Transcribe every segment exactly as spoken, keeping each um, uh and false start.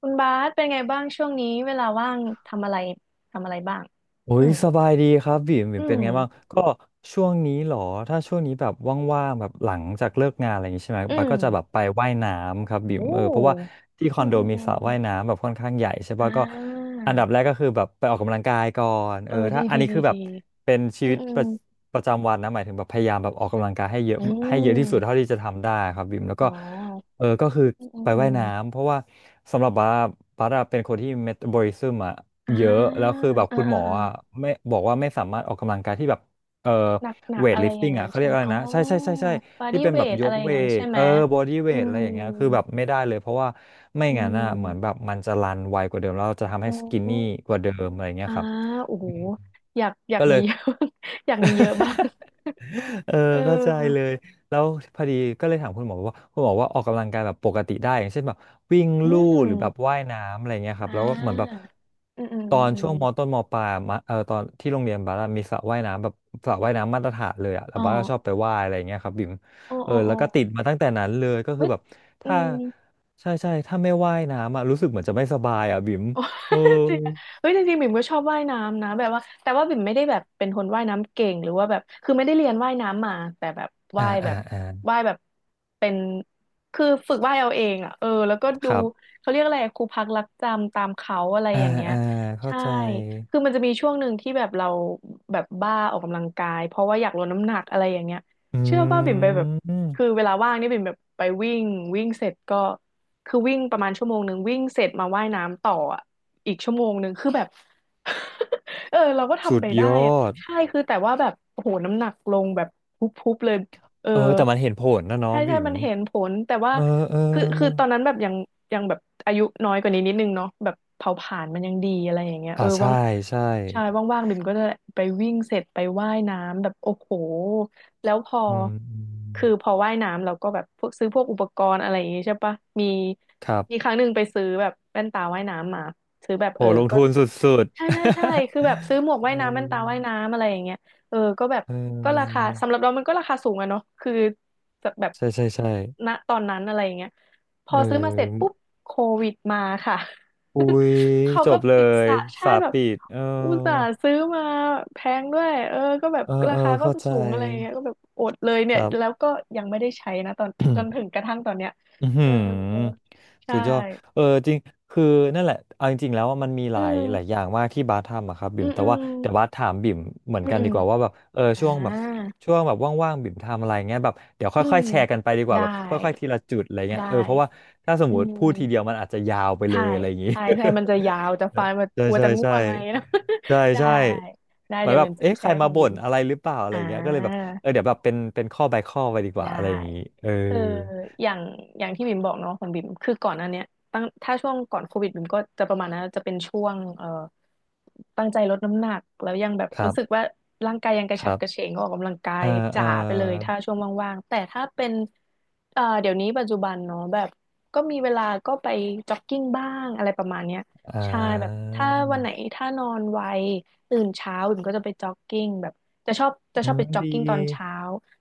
คุณบาสเป็นไงบ้างช่วงนี้เวลาว่างทำอะไรทำอะไรบ้างโอ้อืยมสบายดีครับบิ่มบิ่อืมเป็นไงบ้างมก็ช่วงนี้เหรอถ้าช่วงนี้แบบว่างๆแบบหลังจากเลิกงานอะไรอย่างงี้ใช่ไหมอืบาสมก็จะแบบไปว่ายน้ำครับบิ่โอมเออเพราะว่า้ที่คอือนมโดอืมมีอืสมระว่ายน้ำแบบค่อนข้างใหญ่ใช่อ่ป่ะก็าอันดับแรกก็คือแบบไปออกกำลังกายก่อนเอเอออดีถ้าอันดีนี้ดีคือแบดีบเป็นชีอืวิมตอืปมระประจำวันนะหมายถึงแบบพยายามแบบออกกำลังกายให้เยอะอืให้เยอะที่สุดเท่ามที่จะทำได้ครับบิ่มแล้วอ๋ก็อเออก็คืออืมอืมไปอืว่ายมน้ำเพราะว่าสำหรับบัสบัสอะเป็นคนที่เมตาบอลิซึมอ่ะ อ่าเยอะแล้วคือแบบอ่าคุณหมอ่าออ่ะอ่าไม่บอกว่าไม่สามารถออกกำลังกายที่แบบเอ่อหนักหนัเวกทอะลิไรฟอติ้ย่างงนั้อ่ะนเขาใช่เรียกไหมอะไรอ๋อนะใช่ใช่ใช่ใช่บอที่ดี้เป็นเวแบบทยอะกไรอย่าเวงนั้นทใช่ไหเอมอบอดี้เวอืทอะไรมอย่างเงี้ยคือแบบไม่ได้เลยเพราะว่าไม่อืงั้นอ่ะเหมือนแบบมมันจะรันไวกว่าเดิมแล้วเราจะทำโอให้สกินนี่้กว่าเดิมอะไรเงี้ยอ่าครับโอ้โหอยากอยากก็เลมี ย เยอะ อยากมีเยอะบ้างเออเอเข้าใจเลอยแล้วพอดีก็เลยถามคุณหมอว่าคุณหมอว่าออกกำลังกายแบบปกติได้อย่างเช่นแบบวิ่งอืลู่หรือแบบม ว่ายน้ำอะไรเงี้ยครับอ่แล้วก็เหมือนแบบาอืมอืมตอือมนอช่วงมต้มนมปลายมะเออตอนที่โรงเรียนบาร์มีสระว่ายน้ำแบบสระว่ายน้ำมาตรฐานเลยอะแล้วอ๋อบาร์ชอบไปว่ายอะไรเงี้ยครับบิมโอ้เออโอ้แล้โอ้วก็ติดมาตั้งแต่นั้นเลยก็คืเอ้อยแบบอืถ้าม ใช่ใช่ถ้าไม่ว่ายน้ำอะรู้สึกเหมือนจะไม่สบายอะบิมโอ้ เออจริงอะเฮ้ยจริงๆบิ่มก็ชอบว่ายน้ำนะแบบว่าแต่ว่าบิ่มไม่ได้แบบเป็นคนว่ายน้ำเก่งหรือว่าแบบคือไม่ได้เรียนว่ายน้ำมาแต่แบบอ่าว่ายแบอ่าบอ่าว่ายแบบเป็นคือฝึกว่ายเอาเองอ่ะเออแล้วก็คดูรับเขาเรียกอะไรอะครูพักรักจำตามเขาอะไรอ่าอย่างเงี้ยอ่าเข้าใช่ใจ คือมันจะมีช่วงหนึ่งที่แบบเราแบบบ้าออกกำลังกายเพราะว่าอยากลดน้ำหนักอะไรอย่างเงี้ยอเชื่อว่าบิ่ืมไปแบบคือมเวลาว่างนี่บิ่มแบบไปวิ่งวิ่งเสร็จก็ คือวิ่งประมาณชั่วโมงหนึ่งวิ่งเสร็จมาว่ายน้ำต่ออะอีกชั่วโมงหนึ่งคือแบบ เออเราก็สุทำดไปได้ยอะอดใช่คือแต่ว่าแบบโอ้โหน้ำหนักลงแบบพุบๆเลยเออเออแต่มันเห็นผลนะเนาะใช่ใช่บิ๋มมันเห็นผลแต่ว่าเออเอคือคือตออนนั้นแบบยังยังแบบอายุน้อยกว่านี้นิดนึงเนาะแบบเผาผลาญมันยังดีอะไรอย่างเงี้ยอ่าเออใช่ว่างใช่ใช่ว่างๆบิ่มก็จะไปวิ่งเสร็จไปว่ายน้ำแบบโอ้โห แล้วพออืมอืมคือพอว่ายน้ำเราก็แบบพวกซื้อพวกอุปกรณ์อะไรอย่างงี้ใช่ปะมีครัมีบครั้งหนึ่งไปซื้อแบบแว่นตาว่ายน้ำมาซื้อแบบโหเออลงก็ ทุนสุดใช่ใช่ใช่ๆ คือแบบซื้อหม วกว่าเอยน้ำแว่นมตาว่ายน้ำอะไรอย่างเงี้ยเออก็แบบเอก็ราคาอสำหรับเรามันก็ราคาสูงอะเนาะคือแบบแบบใช่ใช่ใช่ณตอนนั้นอะไรอย่างเงี้ยพเออซื้อมาเสร็จอปุ๊บโควิดมาค่ะ อุ้ย เขาจก็บเลปิดยสะใช่สาปแบบปิดเอออุตส่าห์ซื้อมาแพงด้วยเออก็แบบเออราเออคาก็เข้าใจสูงอะไรอย่างเงี้ยก็แบบอดเลยคเนี่ยรัแล้วบ ก็ยังไม่ได้ใช้นะตอนจนถึ งกระทั่งตอนเนี้ยอือหืเอออใชสุดยอด่เออจริงคือนั่นแหละเอาจริงๆแล้วว่ามันมีหอืลายหลายอมย่างมากที่บาสทำอะครับบิ่อืมมแต่อืว่ามเดี๋ยวบาสถามบิ่มเหมือนอืมกันอืดีมกว่าว่าแบบเอออ่า ช่วงแบบช่วงแบบว่างๆบิ่มทำอะไรเงี้ยแบบเดี๋ยวอืค่อมยๆแชร์กันไปดีกว่าได้แบบค่อยๆทีละจุดอะไรเงี้ยเอได้อเพราะว่าถ้าสมอืมติพูดทีเดียวมมันอาจจะยาวไปเลถ่ายยอะไรอย่างงี้ ถ่ายใช่มันจะ ยาวจะฟังมันใช่กลัวใช่จะง่ใช่วงอะไรนะ ใช่ ได้ใช่ได้เหมือเดี๋นยวแบเป็บนจะเอ๊ะแชใครร์ขมาองบ่บินมอะไรหรือเปล่าอะไรอ่า อย่างเงี้ยก็เลยแบบเออเดี๋ยวแบบเป็นเป็นข้อ by ข้อไปดีกว่าได้อะไรอย่างงี้เออคืออย่างอย่างที่บิ่มบอกเนาะของบิ่มคือก่อนอัน้เนี้ยตั้งถ้าช่วงก่อนโควิดบิ่มก็จะประมาณนั้นจะเป็นช่วงเอ่อตั้งใจลดน้ำหนักแล้วยังแบบครัรู้สึกบว่าร่างกายยังกคระฉัรับบ กระเฉงก็ออกกำลังกาเอยอเออจ๋าไปเลยถ้าช่วงว่างๆแต่ถ้าเป็นเอ่อเดี๋ยวนี้ปัจจุบันเนาะแบบก็มีเวลาก็ไปจ็อกกิ้งบ้างอะไรประมาณเนี้ยอ่ใช่แบบาถ้าวันไหนถ้านอนไวตื่นเช้าบิ่มก็จะไปจ็อกกิ้งแบบจะชอบจะอืชอบไปมจ็อกดีกิ้งตอนเช้า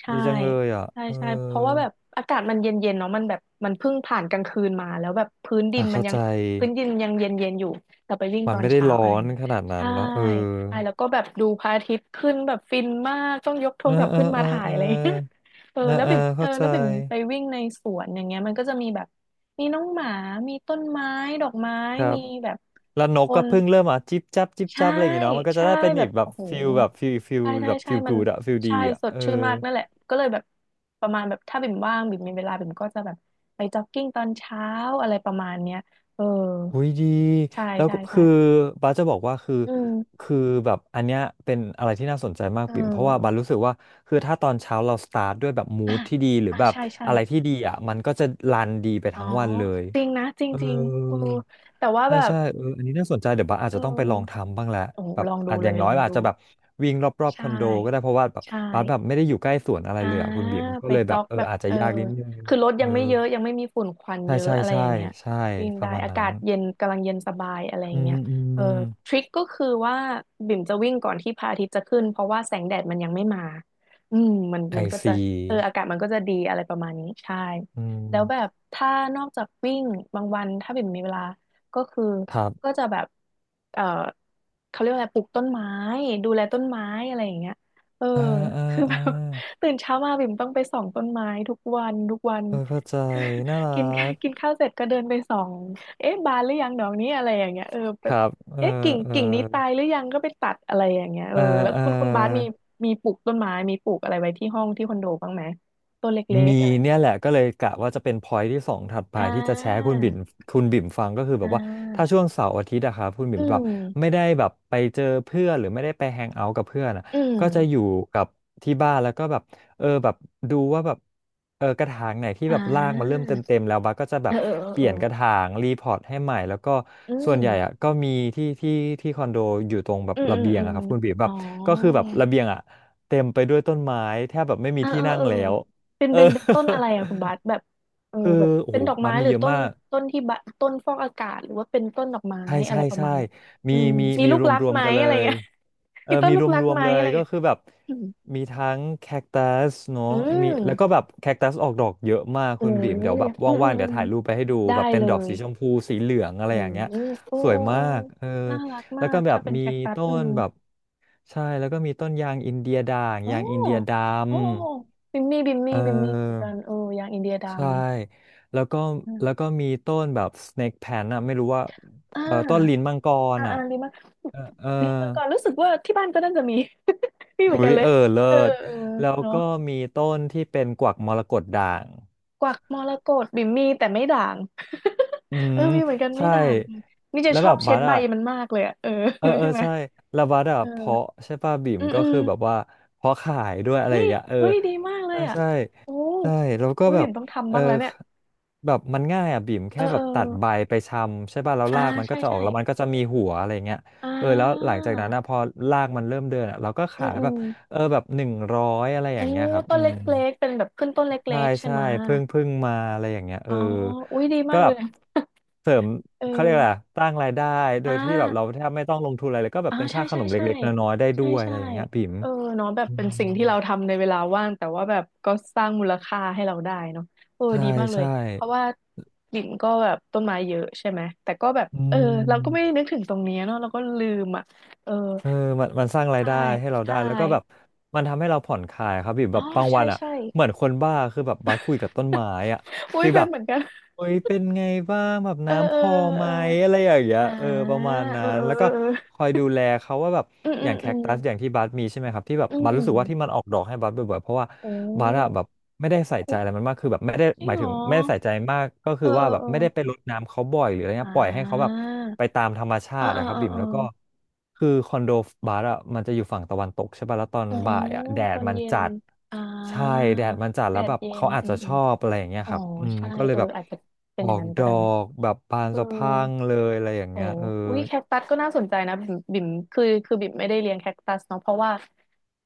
ใช่ ดีจังเลยอ่ะใช่เออใช่เพราะว่าแบบอากาศมันเย็นเย็นเนาะมันแบบมันเพิ่งผ่านกลางคืนมาแล้วแบบพื้นดิอ่ะนมันเข้ายัใจงพื้นดินยังเย็นเย็นอยู่แต่ไปวิ่งมันตอนไม่ได้เช้าร้ออะไรนเงี้ยขนาดนั้นใช่เนาะเออใช่แล้วก็แบบดูพระอาทิตย์ขึ้นแบบฟินมากต้องยกโทเอรอศัพท์เออขึ้นมาเออถ่ายเอออะไรเงี้ย เออเออแล้วเออบิ่มเอเข้าอใจแล้วบิ่มไปวิ่งในสวนอย่างเงี้ยมันก็จะมีแบบมีน้องหมามีต้นไม้ดอกไม้ครับมีแบบแล้วนคกก็น เพิ่งเริ่มอ่ะจิบจับจิบใช่จับอะไรอย่างงี้เนาะมันก็จะใช่ได้เป็นแบอีบกแบบโอ้โหฟิลแบบฟิลฟิลใช่ใช่แบบใช่ฟิลมักูนดอะฟิลดีใช่อะสเอดอ ชื่นมากนั่นแหละก็เลยแบบประมาณแบบถ้าบิ่มว่างบิ่มมีเวลาบิ่มก็จะแบบไปจ็อกกิ้งตอนเช้าอะไรประมาณเนี้ยเอออุ้ยดีใช่แล้วใช่ก็ใช่คือบ้าสจะบอกว่าคืออืมคือแบบอันเนี้ยเป็นอะไรที่น่าสนใจมากเออปิ่มเพราะว่าบาสรู้สึกว่าคือถ้าตอนเช้าเราสตาร์ทด้วยแบบมูอ่ะดที่ดีหรืออ่ะแบบใช่ใช่อะไรที่ดีอ่ะมันก็จะรันดีไปอ๋อทั้งวันเลยจริงนะจริงเอจริงเอออแต่ว่าใช่แบบใช่เอออันนี้น่าสนใจเดี๋ยวบาสอาจเอจะต้องไปลองอทำบ้างแหละโอ้โหแบบลองดูอาจอเลย่ายงน้อลยองอาดูจจะแบบวิ่งรอบๆคใช่อนโดก็ได้เพราะว่าแบบใชบาสแบบ่ ไม่ได้อยู่ใกล้สวนอะไรอ่าเลยอ่ะคุณบิ่มก็ไปเลยแบจ็บอกเออแบบอาจจะเออยากนิดนึงคือรถเอยัองไม่เยอะยังไม่มีฝุ่นควันใช่เยอะใช่อะไรใช่อย่างเงี้ยใช่วิ่งปได้ระมาณอานั้กานศเย็นกำลังเย็นสบายอะไรออืย่างเงี้มยอืเออม ทริคก็คือว่าบิ่มจะวิ่งก่อนที่พระอาทิตย์จะขึ้นเพราะว่าแสงแดดมันยังไม่มาอืมมันไอมันก็จะซีเอออากาศมันก็จะดีอะไรประมาณนี้ใช่อืแล้วแบบม ถ้านอกจากวิ่งบางวันถ้าบิ่มมีเวลาก็คือครัก็บจะแบบเออเขาเรียกว่าอะไรปลูกต้นไม้ดูแลต้นไม้อะไรอย่างเงี้ยเออ อ่าอ่า คืออ่าแบบ ตื่นเช้ามาบิ่มต้องไปส่องต้นไม้ทุกวันทุกวัน เออเข้าใจน่า รักินกินกข้าวเสร็จก็เดินไปส่องเอ๊ะบานหรือยังดอกนี้อะไรอย่างเงี้ยเออคแบบรับ เออเอ๊ะกิ่งเอกิ่งนี้ตาอยหรือยังก็ไปตัดอะไรอย่างเงี้ยเอออ่าแล้วอ่า คุณคุณบาสมีมีปลูกต้นไม้มีปลูกอะไรไว้ที่ห้องที่คอนโดบ้างไหมต้นเล็กมีๆอะไรอย่างเนี่ยเงี้ยแหละก็เลยกะว่าจะเป็นพอย t ์ที่สองถัดไปอ่ที่จะแชร์ให้าคุณบิ่มคุณบิ่มฟังก็คือแบอ่บว่าถ้าาช่วงเสาร์อาทิตย์อะครับคุณบิ่อืมแบบไม่มได้แบบไปเจอเพื่อนหรือไม่ได้ไปแฮงเอาท์กับเพื่อนอะอืก็จะอยู่มกับที่บ้านแล้วก็แบบเออแบบดูว่าแบบเออกระถางไหนที่อ่แบบรากมันเริ่มาเต็มเต็มแล้วบัสก็จะแบเอบอเออเออเปเอลี่อยนกระถางรีพอร์ตให้ใหม่แล้วก็อืส่วนมใหญ่อะก็มีที่ที่ที่คอนโดอยู่ตรงแบบอืมระอืมเบียงอืมอะครับคุณบิ่มแบอ๋อ บก็คือแบบระเบียงอะเต็มไปด้วยต้นไม้แทบแบบไม่มีเออที่เออนั่งเออแล้ว เป็นเออ เป็นเป็นต้นอะไรอะคุณบาสแบบเออ คือแบบโอ้เป็โหนดอกมัไม้นมีหรือเยอะต้นมากต้นที่บะต้นฟอกอากาศหรือว่าเป็นต้นดอกไม้ใช่อะใช่ไรประใช่มาณเนี้ยมีอืมมีมีมีลูรกวมรักรวมไหมกันเลอะไรยเงี้ย เอ อมีต้มีนลูรกวมรัรกวมไหมเลอะยไรก็เงี้ยคือแบบอืมมีทั้งแคคตัสเนาะอืมีแล้วก็มแบบแคคตัสออกดอกเยอะมากโอ้คุณบีมเดี๋ยวยแบบอืมอืว่างมๆเดี๋อืยวมถ่ายรูปไปให้ดูได้แบบเป็นเลดอกยสีชมพูสีเหลืองอะไรโอ้อย่างเงี้ยโอ้โอ้สวยโอ้มากเออน่ารักแล้มาวก็กแบบถ้าเป็นมีแคคตัสต้อืนมแบบใช่แล้วก็มีต้นยางอินเดียด่างอ๋อยางอินเดียดโอ้โอ้โอ้ำบิมมี่บิมเอมี่อ บิมมี่เหมือนกันเออยางอินเดียดใช่ำแล้วก็อืแล้วก็มมีต้นแบบ snake plant อ่ะไม่รู้ว่าอ่า เออต้นลิ้นมังกรอ่าอ่าอ่ะลิ้นมังเออเออลิ้นมังกรรู้สึกว่าที่บ้านก็น่าจะมี มีเหมือนอุ๊กัยนเลยเออเลิเออศเออแล้วเนาะก็มีต้นที่เป็นกวักมรกตด่างกวักมรกตบิ่มมีแต่ไม่ด่าง อื เอมอมีเหมือนกันไม่ใช่ ด่างนี่จะแล้วชแบอบบเช็บัดสใบอะ มันมากเลยอะเออ เออ เออใช่ไหมใช่แล้วบัดอ่ะเออเพาะใช่ป่ะบิ่มอืมก็อืมคือแบบว่าเพาะขายด้วยอะไรเฮ้อย่ายงเงี้ยเออเฮ้ยดีมากเลใช่ยอ่ะใช่โอ้ใช่แล้วก็อุ้ยแบบิ่บมต้องเอทำอบ้างแล้วเนี่ยแบบมันง่ายอ่ะบิ่มเอแค่อแบเอบอตัดใบไปชำใช่ป่ะแล้วอ่ารากมันก็ใช่จะออใช่กแล้วมันก็จะมีหัวอะไรเงี้ยอ่เออแล้วหลัางจากนั้นนะพอรากมันเริ่มเดินอ่ะเราก็อืขามยอืแบบมเออแบบหนึ่งร้อยอะไรอโอ้ย่างเงี้ยครับต้อืนเม ล็กๆเป็นแบบขึ้นต้นเใช่ล็กๆใช่ใช่ไหมะเพิ่งเพิ่งมาอะไรอย่างเงี้ยเออ๋อออุ้ยดีก็มากแบเลบย เสริมเออ เขาเรียกอะไรอะสร้างรายได้โดอ่ายที่แบบเราแทบไม่ต้องลงทุนอะไรเลยก็แบบอ่าเป็นใช่ค่าขใช่นมใช่เล็กๆน้อยๆได้ด้ใช่วยอะใช่ไรอย่างเงี้ยปิ๋มเออเนาะแบบอืเป็นมสิ่งที่เราทำในเวลาว่างแต่ว่าแบบก็สร้างมูลค่าให้เราได้เนาะเออใช่ดีมากเลย ใช่เพราะว่าลินก็แบบต้นไม้เยอะใช่ไหม แต่ก็แบบอืเออเราก็ไม่ได้มนึกถึงตรงเนี้ยเนาะเราก็ลืมอ่ะเออเออมันมันสร้างรายใช่ได้ให้เราได้ใช่แล้วก็แบบมันทำให้เราผ่อนคลายครับปิ่มอ๋แบอบบางวัใช่นอ่ะใช่เหมือนคนบ้าคือแบบบัสคุยกับต้นไม้อ่ะอุ้ยฟีลเป็แบนบ เหมือนกันโอ้ยเป็นไงบ้างแบบเออ น้ำพเอออไหมเอออะไรอย่างเงี้เออยอ่าเออประมาณเอนั้อนแล้วเอก็อเอคออยดูแลเขาว่าแบบเออออืย่ามงแคอืมคตัอืสอย่างมที่บัสมีใช่ไหมครับที่แบบอืบัสรู้สึกว่าที่มัมนออกดอกให้บัสบ่อยๆเพราะว่าโอ้บัสอะแบบไม่ได้ใส่ใจคุอะไรมันมากคือแบบไม่ได้จริหงมายเหรถึงอไม่ได้ใส่ใจมากก็เอคืออเอว่าอแบบเออ ไม่ได้ไปรดน้ำเขาบ่อยหรืออะไรอ่เงี้ยปล่อยให้เขาแบบาไปตามธรรมชาอ่าตินะอ่าครับอ่าบิ่มอาแล้วก็คือคอนโดบัสอะมันจะอยู่ฝั่งตะวันตกใช่ป่ะแล้วตอนโอ้บ่ายอะแดตดอนมันเย็นจัด อ่าใช่แดดมันจัดแดแล้วดแบบเย็เขานอาจอืจะมอชมอบอะไรอย่างเงี้ยอ๋อครับอืมใช่ก็เลยเออแบบอาจจะเป็อนออย่างกนั้นดก็อได้นะกแบบบานเออสะพรั่งเลยอะไรอย่างโอ้เงี้ยเออวิแคคตัสก็น่าสนใจนะบิ่มบิ่มคือคือบิ่มไม่ได้เลี้ยงแคคตัสเนาะเพราะว่า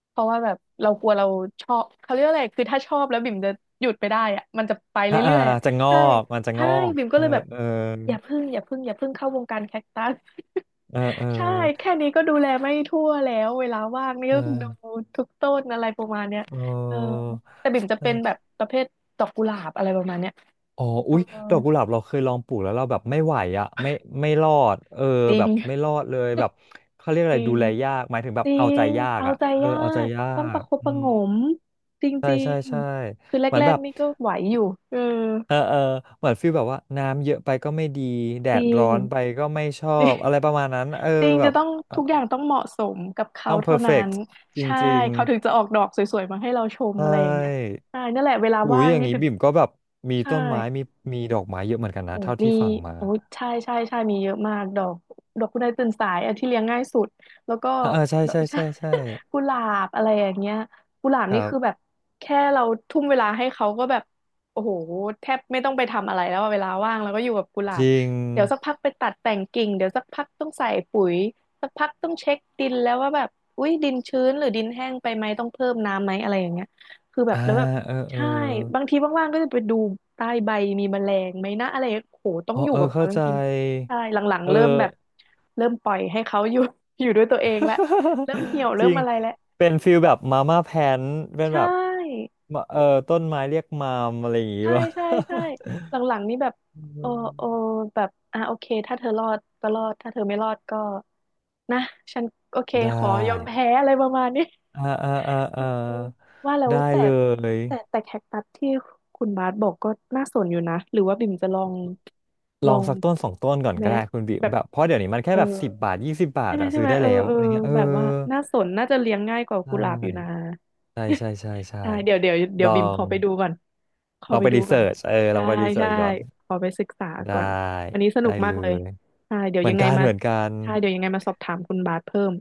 เพราะว่าแบบเรากลัวเราชอบเขาเรียกอะไรคือถ้าชอบแล้วบิ่มจะหยุดไม่ได้อะมันจะไปอ่าอ่าเรื่อยๆอะจะงอใช่กมันจะงใช่อกบิ่มก็เออเลยแบบเอออย่าพึ่งอย่าพึ่งอย่าพึ่งเข้าวงการแคคตัส เออเออใช่แค่นี้ก็ดูแลไม่ทั่วแล้วเวลาว่างนี่เอก็อดูทุกต้นอะไรประมาณเนี้ยเอเอออแต่บิ่มจะนั่นเป็นแหละแบบประเภทดอกกุหลาบอะไรประมาณเนี้ยอ๋อเออุ๊อยดอกกุหลาบเราเคยลองปลูกแล้วเราแบบไม่ไหวอ่ะไม่ไม่รอดเออจริแบบงไม่รอดเลยแบบเขาเรียกจอะไรริดูงแลยากหมายถึงแบจบริเอาใจงยากเอาอ่ะใจเออยาเอาใจกยาต้องปกระคบอืประหมงมจใช่ริใช่งใช่ๆคือแรเหมือนแบกบ ๆนี่ก็ไหวอยู่เออเออเออเหมือนฟีลแบบว่าน้ำเยอะไปก็ไม่ดีแดจดริร้อง นไปก็ไม่ชอบ อะไรประมาณนั้นเออจริงแบจะบต้องเออทุกอย่างต้องเหมาะสมกับเขาต้องเพเท่าอร์เฟนั้กนต์จใช่ริงเขาถึงจะออกดอกสวยๆมาให้เราชมๆใชอะไรอย่างเงี้ย่ใช่นั่นแหละเวลาหูว่ายงอย่างนี่นี้แบบบิ่มก็แบบมีใช่ ต้นไม้มีมีดอกไม้เยอะเหมือนกันนะโอ้เท่ามีที่ฟังมาโอ้ยใช่ใช่ใช่มีเยอะมากดอกดอกคุณนายตื่นสายอันที่เลี้ยงง่ายสุดแล้วก็อ่าเออใช่ดอกใช่ใช่ ใช่ใช่ กุหลาบอะไรอย่างเงี้ยกุหลาบคนี่รับคือแบบแค่เราทุ่มเวลาให้เขาก็แบบโอ้โหแทบไม่ต้องไปทำอะไรแล้วอะเวลาว่างแล้วก็อยู่กับกุหลาจบริงเดี๋ยวสักพักไปตัดแต่งกิ่งเดี๋ยวสักพักต้องใส่ปุ๋ยสักพักต้องเช็คดินแล้วว่าแบบอุ้ยดินชื้นหรือดินแห้งไปไหมต้องเพิ่มน้ำไหมอะไรอย่างเงี้ยคือแบบอ่าแล้วแบบ เออเออใช่บางทีว่างๆก็จะไปดูใต้ใบมีแมลงไหมนะอะไรโหต้ออ๋งออยู่เออกับเขาเข้าจใจริงๆใช่หลังเอๆเริ่มอ แบบเริ่มปล่อยให้เขาอยู่ อยู่ด้วยตัวเองละเริ่มเหี่ยว จเริ่ริมงอะไรแล้วเป็นฟิลแบบมาม่าแพนเป็นใชแบบ่มะเออต้นไม้เรียกมามอะไรอย่างงี้ใช่วะ ใช่ใช่หลังๆนี่แบบ อืเออเออมแบบอ่ะโอเคถ้าเธอรอดก็รอดถ้าเธอไม่รอดก็นะฉันโอเคได้ขอยอมแพ้อะไรประมาณนี้ อ่าอ่าอ่าอ่าว่าแล้วได้แต่เลยแต่แต่แคคตัสที่คุณบาสบอกก็น่าสนอยู่นะหรือว่าบิ่มจะลองลลอองงสักต้นสองต้นก่อนไหมก็ได้คุณบิมแบบแบบเพราะเดี๋ยวนี้มันแค่เออแบบสิบบาทยี่สิบบาทใช่ไหมอะใช่ซื้อไหมได้เออแล้วเอออะไรเงี้ยเออแบบว่าน่าสนน่าจะเลี้ยงง่ายกว่ากุหลาบอยู่นะ ใช่ใช่ใช่ใช่ ใช่ใช่เดี๋ยวเดี๋ยวเดี๋ลยวอบิ่มขงอไปดูก่อนขอลองไปไปดูรีก่เสิอนร์ชเออลใช่องไปรีเสิร์ใช่ชก่อนขอไปศึกษาได้ก่อนวันนี้สนุได้กมาเลกเลยยใช่เดี๋ยเหวมือยันงไงกันมาเหมือนกัน ใช่เดี๋ยวยังไงมาสอบถามคุณบาสเพิ่ม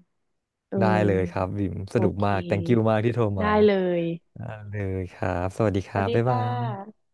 เออได้เลยครับบิมสโอนุกเคมากแต่ง k ิ o u มากที่โทรมาได้เลย ได้เลยครับสวัสดีคสรัวัสบดีบ๊ายค่บายะ